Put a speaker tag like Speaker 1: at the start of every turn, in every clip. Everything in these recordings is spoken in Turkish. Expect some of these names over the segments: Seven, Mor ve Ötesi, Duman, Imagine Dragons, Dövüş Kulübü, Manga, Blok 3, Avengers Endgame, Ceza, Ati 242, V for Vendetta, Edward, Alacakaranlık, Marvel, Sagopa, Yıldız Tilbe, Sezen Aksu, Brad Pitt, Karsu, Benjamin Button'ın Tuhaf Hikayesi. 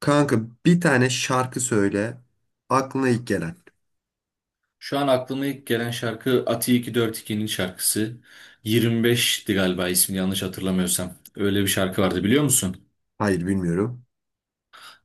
Speaker 1: Kanka, bir tane şarkı söyle. Aklına ilk gelen.
Speaker 2: Şu an aklıma ilk gelen şarkı Ati 242'nin şarkısı. 25'ti galiba ismini yanlış hatırlamıyorsam. Öyle bir şarkı vardı biliyor musun?
Speaker 1: Hayır, bilmiyorum.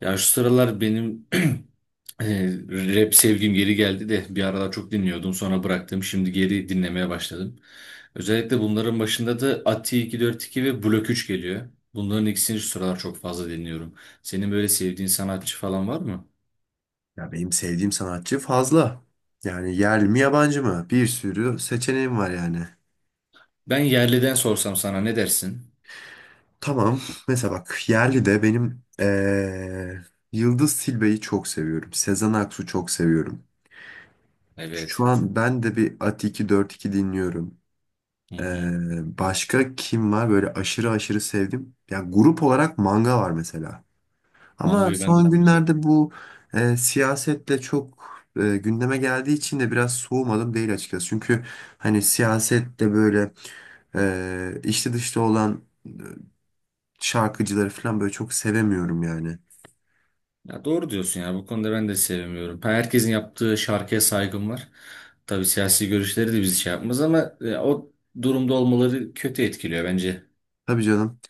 Speaker 2: Ya şu sıralar benim e, rap sevgim geri geldi de bir aralar çok dinliyordum sonra bıraktım. Şimdi geri dinlemeye başladım. Özellikle bunların başında da Ati 242 ve Blok 3 geliyor. Bunların ikisini şu sıralar çok fazla dinliyorum. Senin böyle sevdiğin sanatçı falan var mı?
Speaker 1: Ya benim sevdiğim sanatçı fazla. Yani yerli mi yabancı mı? Bir sürü seçeneğim var yani.
Speaker 2: Ben yerliden sorsam sana ne dersin?
Speaker 1: Tamam. Mesela bak, yerli de benim Yıldız Tilbe'yi çok seviyorum. Sezen Aksu çok seviyorum. Şu
Speaker 2: Evet.
Speaker 1: an ben de bir Ati 242 dinliyorum.
Speaker 2: Hı hı.
Speaker 1: Eee, başka kim var böyle aşırı aşırı sevdim? Ya grup olarak Manga var mesela. Ama
Speaker 2: Manga'yı ben de
Speaker 1: son
Speaker 2: çok seviyorum.
Speaker 1: günlerde bu siyasetle çok gündeme geldiği için de biraz soğumadım değil açıkçası. Çünkü hani siyasette böyle içli dışlı olan şarkıcıları falan böyle çok sevemiyorum yani.
Speaker 2: Ya doğru diyorsun ya bu konuda ben de sevmiyorum. Herkesin yaptığı şarkıya saygım var. Tabii siyasi görüşleri de bizi şey yapmaz ama o durumda olmaları kötü etkiliyor bence.
Speaker 1: Tabii canım.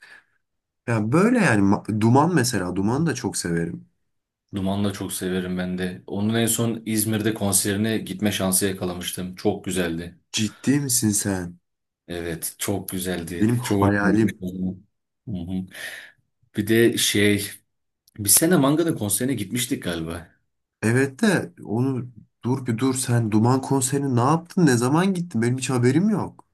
Speaker 1: Ya böyle yani Duman mesela,
Speaker 2: Hı hı.
Speaker 1: Duman'ı da çok severim.
Speaker 2: Duman'ı da çok severim ben de. Onun en son İzmir'de konserine gitme şansı yakalamıştım. Çok güzeldi.
Speaker 1: Ciddi misin sen?
Speaker 2: Evet, çok güzeldi.
Speaker 1: Benim
Speaker 2: Çok hoşuma gitmişti
Speaker 1: hayalim.
Speaker 2: o zaman. Hı hı. Bir de şey, bir sene Manga'nın konserine gitmiştik galiba.
Speaker 1: Evet de onu dur, bir dur sen, Duman konserini ne yaptın? Ne zaman gittin? Benim hiç haberim yok.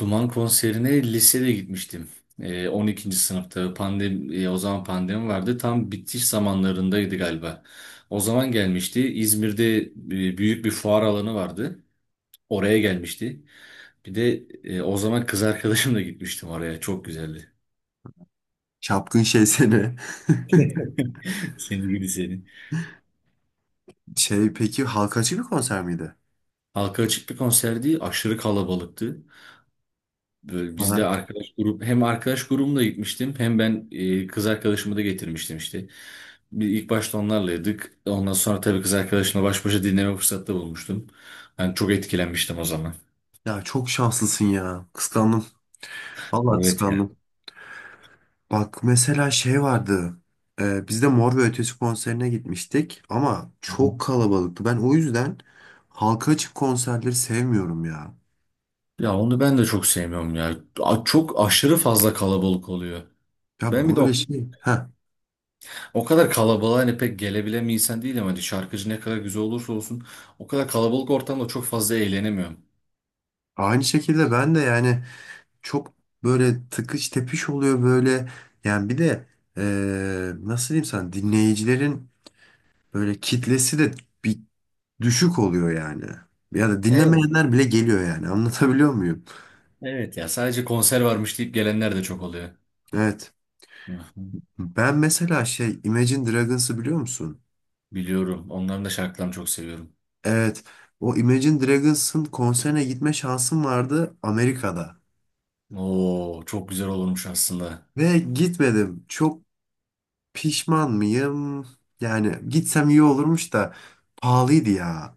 Speaker 2: Duman konserine lisede gitmiştim. 12. sınıfta pandemi, o zaman pandemi vardı. Tam bitiş zamanlarındaydı galiba. O zaman gelmişti. İzmir'de büyük bir fuar alanı vardı. Oraya gelmişti. Bir de o zaman kız arkadaşımla gitmiştim oraya. Çok güzeldi.
Speaker 1: Çapkın şey seni.
Speaker 2: Seni gibi seni.
Speaker 1: Şey, peki halka açık bir konser miydi?
Speaker 2: Halka açık bir konserdi. Aşırı kalabalıktı. Böyle biz
Speaker 1: Aha.
Speaker 2: de arkadaş grup hem arkadaş grubumla gitmiştim hem ben kız arkadaşımı da getirmiştim işte. Bir ilk başta onlarlaydık. Ondan sonra tabii kız arkadaşımla baş başa dinleme fırsatı da bulmuştum. Ben çok etkilenmiştim o zaman.
Speaker 1: Ya çok şanslısın ya. Kıskandım. Vallahi
Speaker 2: Evet ya.
Speaker 1: kıskandım. Bak, mesela şey vardı. Biz de Mor ve Ötesi konserine gitmiştik ama çok kalabalıktı. Ben o yüzden halka açık konserleri sevmiyorum ya.
Speaker 2: Ya onu ben de çok sevmiyorum ya. Çok aşırı fazla kalabalık oluyor.
Speaker 1: Ya
Speaker 2: Ben bir de
Speaker 1: böyle
Speaker 2: o,
Speaker 1: şey. Heh.
Speaker 2: o kadar kalabalığa hani pek gelebilen bir insan değilim. Hani şarkıcı ne kadar güzel olursa olsun o kadar kalabalık ortamda çok fazla eğlenemiyorum.
Speaker 1: Aynı şekilde ben de yani çok böyle tıkış tepiş oluyor böyle. Yani bir de nasıl diyeyim sana, dinleyicilerin böyle kitlesi de bir düşük oluyor yani. Ya da
Speaker 2: Evet.
Speaker 1: dinlemeyenler bile geliyor yani. Anlatabiliyor muyum?
Speaker 2: Evet ya sadece konser varmış deyip gelenler de çok oluyor.
Speaker 1: Evet.
Speaker 2: Hı hı.
Speaker 1: Ben mesela şey, Imagine Dragons'ı biliyor musun?
Speaker 2: Biliyorum. Onların da şarkılarını çok seviyorum.
Speaker 1: Evet. O Imagine Dragons'ın konserine gitme şansım vardı Amerika'da.
Speaker 2: Oo, çok güzel olurmuş aslında.
Speaker 1: Ve gitmedim. Çok pişman mıyım? Yani gitsem iyi olurmuş da pahalıydı ya.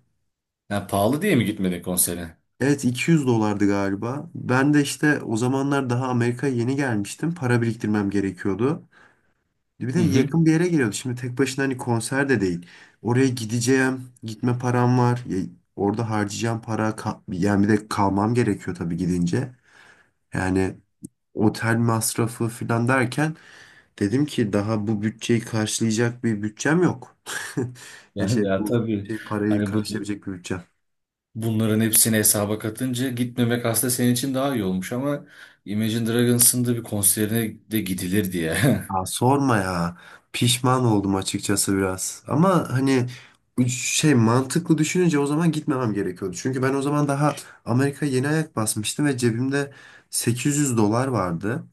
Speaker 2: Ya pahalı diye mi gitmedin konsere?
Speaker 1: Evet, 200 dolardı galiba. Ben de işte o zamanlar daha Amerika'ya yeni gelmiştim. Para biriktirmem gerekiyordu. Bir de
Speaker 2: Hı hı.
Speaker 1: yakın bir yere geliyordu. Şimdi tek başına hani konser de değil. Oraya gideceğim, gitme param var. Ya orada harcayacağım para, yani bir de kalmam gerekiyor tabii gidince. Yani otel masrafı falan derken dedim ki daha bu bütçeyi karşılayacak bir bütçem yok.
Speaker 2: Ya,
Speaker 1: Ya şey,
Speaker 2: ya
Speaker 1: bu
Speaker 2: tabii.
Speaker 1: şey parayı
Speaker 2: Hani
Speaker 1: karşılayabilecek bir bütçem.
Speaker 2: bunların hepsini hesaba katınca gitmemek aslında senin için daha iyi olmuş ama Imagine Dragons'ın da bir konserine de gidilir diye.
Speaker 1: Ya sorma ya. Pişman oldum açıkçası biraz. Ama hani şey, mantıklı düşününce o zaman gitmemem gerekiyordu. Çünkü ben o zaman daha Amerika'ya yeni ayak basmıştım ve cebimde 800 dolar vardı.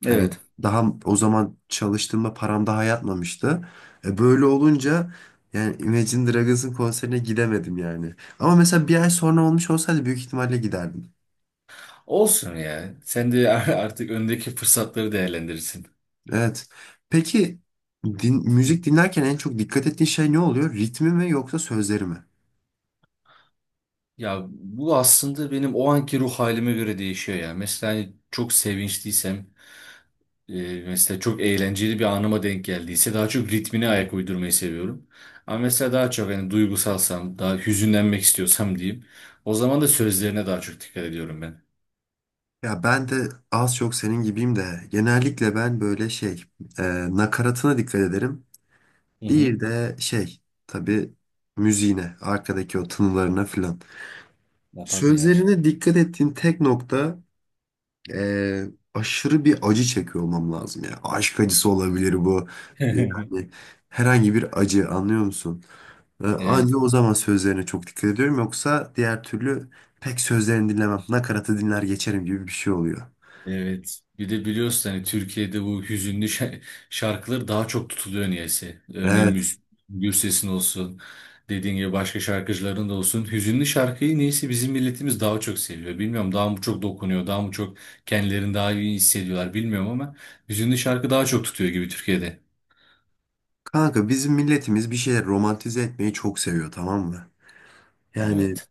Speaker 1: Hani
Speaker 2: Evet.
Speaker 1: daha o zaman çalıştığımda param daha yatmamıştı. E, böyle olunca yani Imagine Dragons'ın konserine gidemedim yani. Ama mesela bir ay sonra olmuş olsaydı büyük ihtimalle giderdim.
Speaker 2: Olsun ya. Sen de artık öndeki fırsatları değerlendirirsin.
Speaker 1: Evet. Peki müzik dinlerken en çok dikkat ettiğin şey ne oluyor? Ritmi mi yoksa sözleri mi?
Speaker 2: Ya bu aslında benim o anki ruh halime göre değişiyor ya. Mesela hani çok sevinçliysem mesela çok eğlenceli bir anıma denk geldiyse daha çok ritmine ayak uydurmayı seviyorum. Ama mesela daha çok hani duygusalsam, daha hüzünlenmek istiyorsam diyeyim. O zaman da sözlerine daha çok dikkat ediyorum ben.
Speaker 1: Ya ben de az çok senin gibiyim de genellikle ben böyle şey, e, nakaratına dikkat ederim.
Speaker 2: Hı hı.
Speaker 1: Bir de şey, tabii müziğine, arkadaki o tınılarına filan.
Speaker 2: Ya tabii ya.
Speaker 1: Sözlerine dikkat ettiğim tek nokta, e, aşırı bir acı çekiyor olmam lazım ya. Aşk acısı olabilir bu. Yani herhangi bir acı, anlıyor musun? Ee,
Speaker 2: Evet.
Speaker 1: Anca o zaman sözlerine çok dikkat ediyorum. Yoksa diğer türlü pek sözlerini dinlemem. Nakaratı dinler geçerim gibi bir şey oluyor.
Speaker 2: Evet. Bir de biliyorsun hani Türkiye'de bu hüzünlü şarkılar daha çok tutuluyor niyeyse. Örneğin
Speaker 1: Evet.
Speaker 2: Gürses'in olsun, dediğin gibi başka şarkıcıların da olsun. Hüzünlü şarkıyı niyeyse bizim milletimiz daha çok seviyor. Bilmiyorum daha mı çok dokunuyor, daha mı çok kendilerini daha iyi hissediyorlar bilmiyorum ama hüzünlü şarkı daha çok tutuyor gibi Türkiye'de.
Speaker 1: Kanka, bizim milletimiz bir şeyler romantize etmeyi çok seviyor, tamam mı? Yani
Speaker 2: Evet.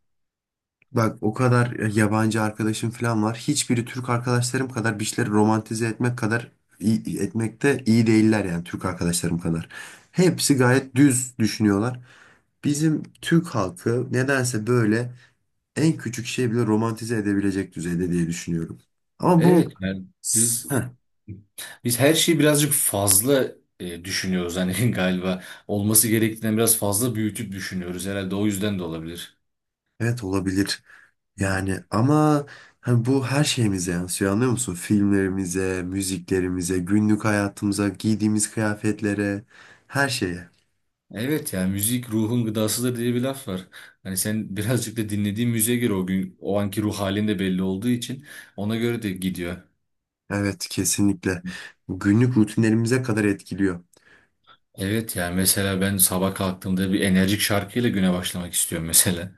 Speaker 1: bak, o kadar yabancı arkadaşım falan var. Hiçbiri Türk arkadaşlarım kadar bir şeyleri romantize etmek kadar iyi, etmekte iyi değiller yani Türk arkadaşlarım kadar. Hepsi gayet düz düşünüyorlar. Bizim Türk halkı nedense böyle en küçük şey bile romantize edebilecek düzeyde diye düşünüyorum. Ama bu
Speaker 2: Evet. Yani biz
Speaker 1: heh,
Speaker 2: biz her şeyi birazcık fazla düşünüyoruz hani galiba olması gerektiğinden biraz fazla büyütüp düşünüyoruz herhalde o yüzden de olabilir.
Speaker 1: evet, olabilir.
Speaker 2: Hı
Speaker 1: Yani
Speaker 2: hı.
Speaker 1: ama hani bu her şeyimize yansıyor, anlıyor musun? Filmlerimize, müziklerimize, günlük hayatımıza, giydiğimiz kıyafetlere, her şeye.
Speaker 2: Evet ya müzik ruhun gıdasıdır diye bir laf var. Hani sen birazcık da dinlediğin müziğe göre o gün o anki ruh halin de belli olduğu için ona göre de gidiyor.
Speaker 1: Evet, kesinlikle. Günlük rutinlerimize kadar etkiliyor.
Speaker 2: Evet yani mesela ben sabah kalktığımda bir enerjik şarkıyla güne başlamak istiyorum mesela.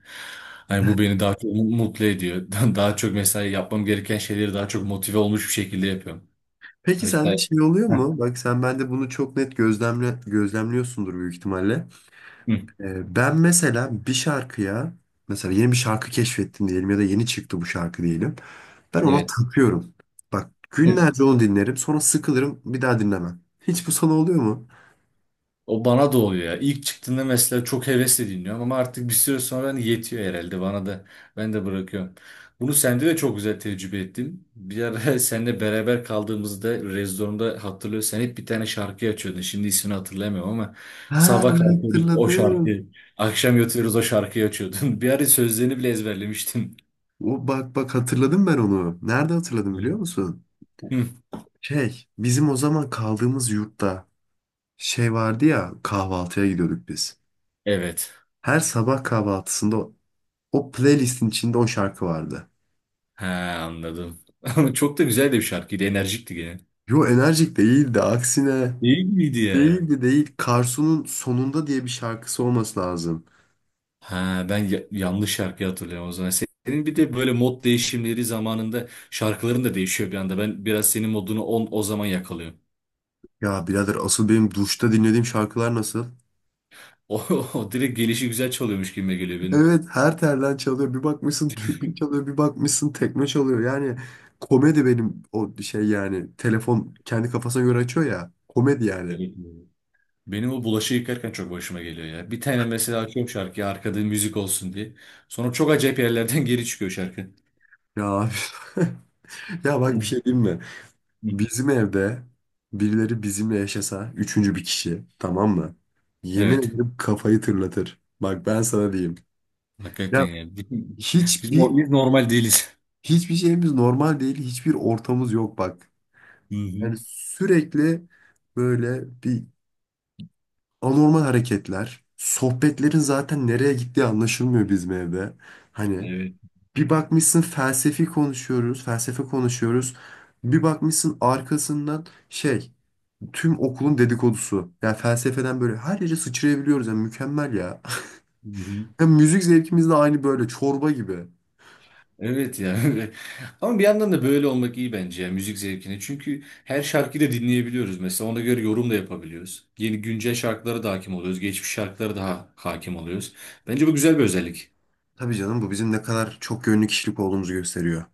Speaker 2: Hani bu beni daha çok mutlu ediyor. Daha çok mesela yapmam gereken şeyleri daha çok motive olmuş bir şekilde yapıyorum.
Speaker 1: Peki
Speaker 2: Hatta.
Speaker 1: sende şey oluyor
Speaker 2: Heh,
Speaker 1: mu? Bak sen bende bunu çok net gözlemliyorsundur büyük ihtimalle.
Speaker 2: hı,
Speaker 1: Ben mesela bir şarkıya, mesela yeni bir şarkı keşfettim diyelim ya da yeni çıktı bu şarkı diyelim. Ben ona
Speaker 2: evet.
Speaker 1: takıyorum. Bak, günlerce onu dinlerim sonra sıkılırım, bir daha dinlemem. Hiç bu sana oluyor mu?
Speaker 2: O bana da oluyor ya. İlk çıktığında mesela çok hevesle dinliyorum ama artık bir süre sonra hani yetiyor herhalde bana da. Ben de bırakıyorum. Bunu sende de çok güzel tecrübe ettim. Bir ara seninle beraber kaldığımızda Rezdorum'da hatırlıyorsun. Sen hep bir tane şarkı açıyordun. Şimdi ismini hatırlayamıyorum ama
Speaker 1: Ha,
Speaker 2: sabah
Speaker 1: ben
Speaker 2: kalkıyorduk o
Speaker 1: hatırladım.
Speaker 2: şarkıyı. Akşam yatıyoruz o şarkıyı açıyordun. Bir ara sözlerini bile ezberlemiştin.
Speaker 1: O, bak bak, hatırladım ben onu. Nerede hatırladım
Speaker 2: Hı.
Speaker 1: biliyor musun? Şey, bizim o zaman kaldığımız yurtta şey vardı ya, kahvaltıya gidiyorduk biz.
Speaker 2: Evet.
Speaker 1: Her sabah kahvaltısında o playlistin içinde o şarkı vardı.
Speaker 2: Ha, anladım. Ama çok da güzel de bir şarkıydı. Enerjikti gene.
Speaker 1: Yo, enerjik değildi aksine.
Speaker 2: İyi gibiydi ya.
Speaker 1: Değildi değil. Karsu'nun Sonunda diye bir şarkısı olması lazım.
Speaker 2: Ha, ben yanlış şarkıyı hatırlıyorum o zaman. Senin bir de böyle mod değişimleri zamanında şarkıların da değişiyor bir anda. Ben biraz senin modunu on, o zaman yakalıyorum.
Speaker 1: Ya birader, asıl benim duşta dinlediğim şarkılar nasıl?
Speaker 2: O, o direkt gelişi güzel çalıyormuş gibi geliyor benim.
Speaker 1: Evet, her telden çalıyor. Bir bakmışsın türkü çalıyor. Bir bakmışsın tekme çalıyor. Yani komedi benim o şey yani. Telefon kendi kafasına göre açıyor ya. Komedi yani.
Speaker 2: Evet. Benim o bulaşığı yıkarken çok başıma geliyor ya. Bir tane mesela açıyorum şarkıyı arkada müzik olsun diye. Sonra çok acayip yerlerden geri çıkıyor şarkı.
Speaker 1: Ya abi. Ya bak, bir
Speaker 2: Hı.
Speaker 1: şey diyeyim mi?
Speaker 2: Hı.
Speaker 1: Bizim evde birileri bizimle yaşasa, üçüncü bir kişi, tamam mı? Yemin
Speaker 2: Evet.
Speaker 1: ederim kafayı tırlatır. Bak ben sana diyeyim.
Speaker 2: Hakikaten
Speaker 1: Ya,
Speaker 2: yani. Biz,
Speaker 1: Hiçbir
Speaker 2: biz normal değiliz.
Speaker 1: Hiçbir şeyimiz normal değil. Hiçbir ortamız yok bak.
Speaker 2: Hı hı.
Speaker 1: Yani sürekli böyle bir anormal hareketler. Sohbetlerin zaten nereye gittiği anlaşılmıyor bizim evde. Hani
Speaker 2: Evet.
Speaker 1: bir bakmışsın felsefi konuşuyoruz, felsefe konuşuyoruz. Bir bakmışsın arkasından şey, tüm okulun dedikodusu. Yani felsefeden böyle her yere sıçrayabiliyoruz. Yani mükemmel ya.
Speaker 2: Hı hı.
Speaker 1: Yani müzik zevkimiz de aynı böyle çorba gibi.
Speaker 2: Evet ya. Ama bir yandan da böyle olmak iyi bence ya müzik zevkini. Çünkü her şarkıyı da dinleyebiliyoruz mesela. Ona göre yorum da yapabiliyoruz. Yeni güncel şarkılara da hakim oluyoruz. Geçmiş şarkılara da hakim oluyoruz. Bence bu güzel bir özellik.
Speaker 1: Tabii canım, bu bizim ne kadar çok yönlü kişilik olduğumuzu gösteriyor.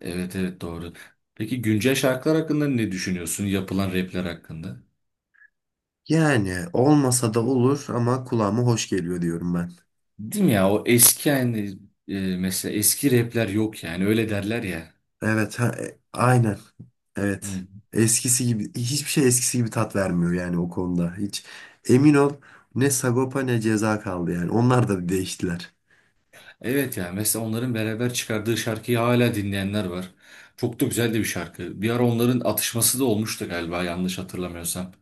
Speaker 2: Evet, evet, doğru. Peki güncel şarkılar hakkında ne düşünüyorsun? Yapılan rapler hakkında?
Speaker 1: Yani olmasa da olur ama kulağıma hoş geliyor diyorum ben.
Speaker 2: Değil mi ya? O eski yani mesela eski rapler yok yani öyle derler ya.
Speaker 1: Evet, ha, aynen. Evet.
Speaker 2: Hı.
Speaker 1: Eskisi gibi, hiçbir şey eskisi gibi tat vermiyor yani o konuda. Hiç emin ol, ne Sagopa ne Ceza kaldı yani. Onlar da değiştiler.
Speaker 2: Evet ya mesela onların beraber çıkardığı şarkıyı hala dinleyenler var. Çok da güzel de bir şarkı. Bir ara onların atışması da olmuştu galiba yanlış hatırlamıyorsam.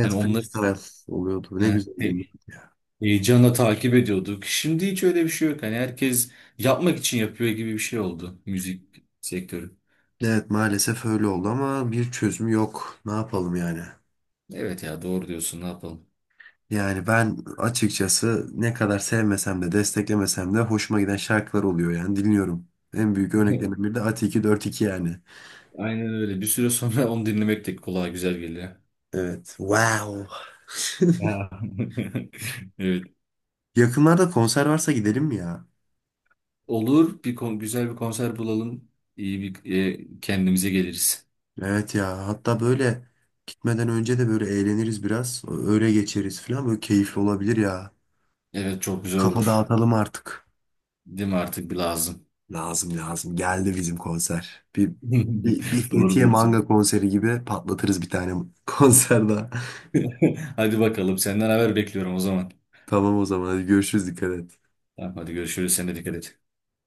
Speaker 2: Hani onları
Speaker 1: freestyle oluyordu.
Speaker 2: he,
Speaker 1: Ne güzel gündü
Speaker 2: he-
Speaker 1: ya.
Speaker 2: heyecanla takip ediyorduk. Şimdi hiç öyle bir şey yok. Hani herkes yapmak için yapıyor gibi bir şey oldu müzik sektörü.
Speaker 1: Evet, maalesef öyle oldu ama bir çözüm yok. Ne yapalım yani?
Speaker 2: Evet ya doğru diyorsun, ne yapalım.
Speaker 1: Yani ben açıkçası ne kadar sevmesem de desteklemesem de hoşuma giden şarkılar oluyor yani, dinliyorum. En büyük örneklerinden biri de Ati 242 yani.
Speaker 2: Aynen öyle. Bir süre sonra onu dinlemek de kulağa güzel geliyor.
Speaker 1: Evet. Wow.
Speaker 2: Ya. Evet.
Speaker 1: Yakınlarda konser varsa gidelim mi ya?
Speaker 2: Olur, güzel bir konser bulalım. İyi bir kendimize geliriz.
Speaker 1: Evet ya, hatta böyle gitmeden önce de böyle eğleniriz biraz. Öyle geçeriz falan, böyle keyifli olabilir ya.
Speaker 2: Evet, çok güzel
Speaker 1: Kafa
Speaker 2: olur.
Speaker 1: dağıtalım artık.
Speaker 2: Değil mi, artık bir lazım.
Speaker 1: Lazım, lazım. Geldi bizim konser. Bir
Speaker 2: Doğru
Speaker 1: Fethiye Manga
Speaker 2: diyorsun.
Speaker 1: konseri gibi patlatırız bir tane konser daha.
Speaker 2: Hadi bakalım, senden haber bekliyorum o zaman.
Speaker 1: Tamam o zaman, hadi görüşürüz, dikkat et.
Speaker 2: Tamam, hadi görüşürüz. Sen de dikkat et.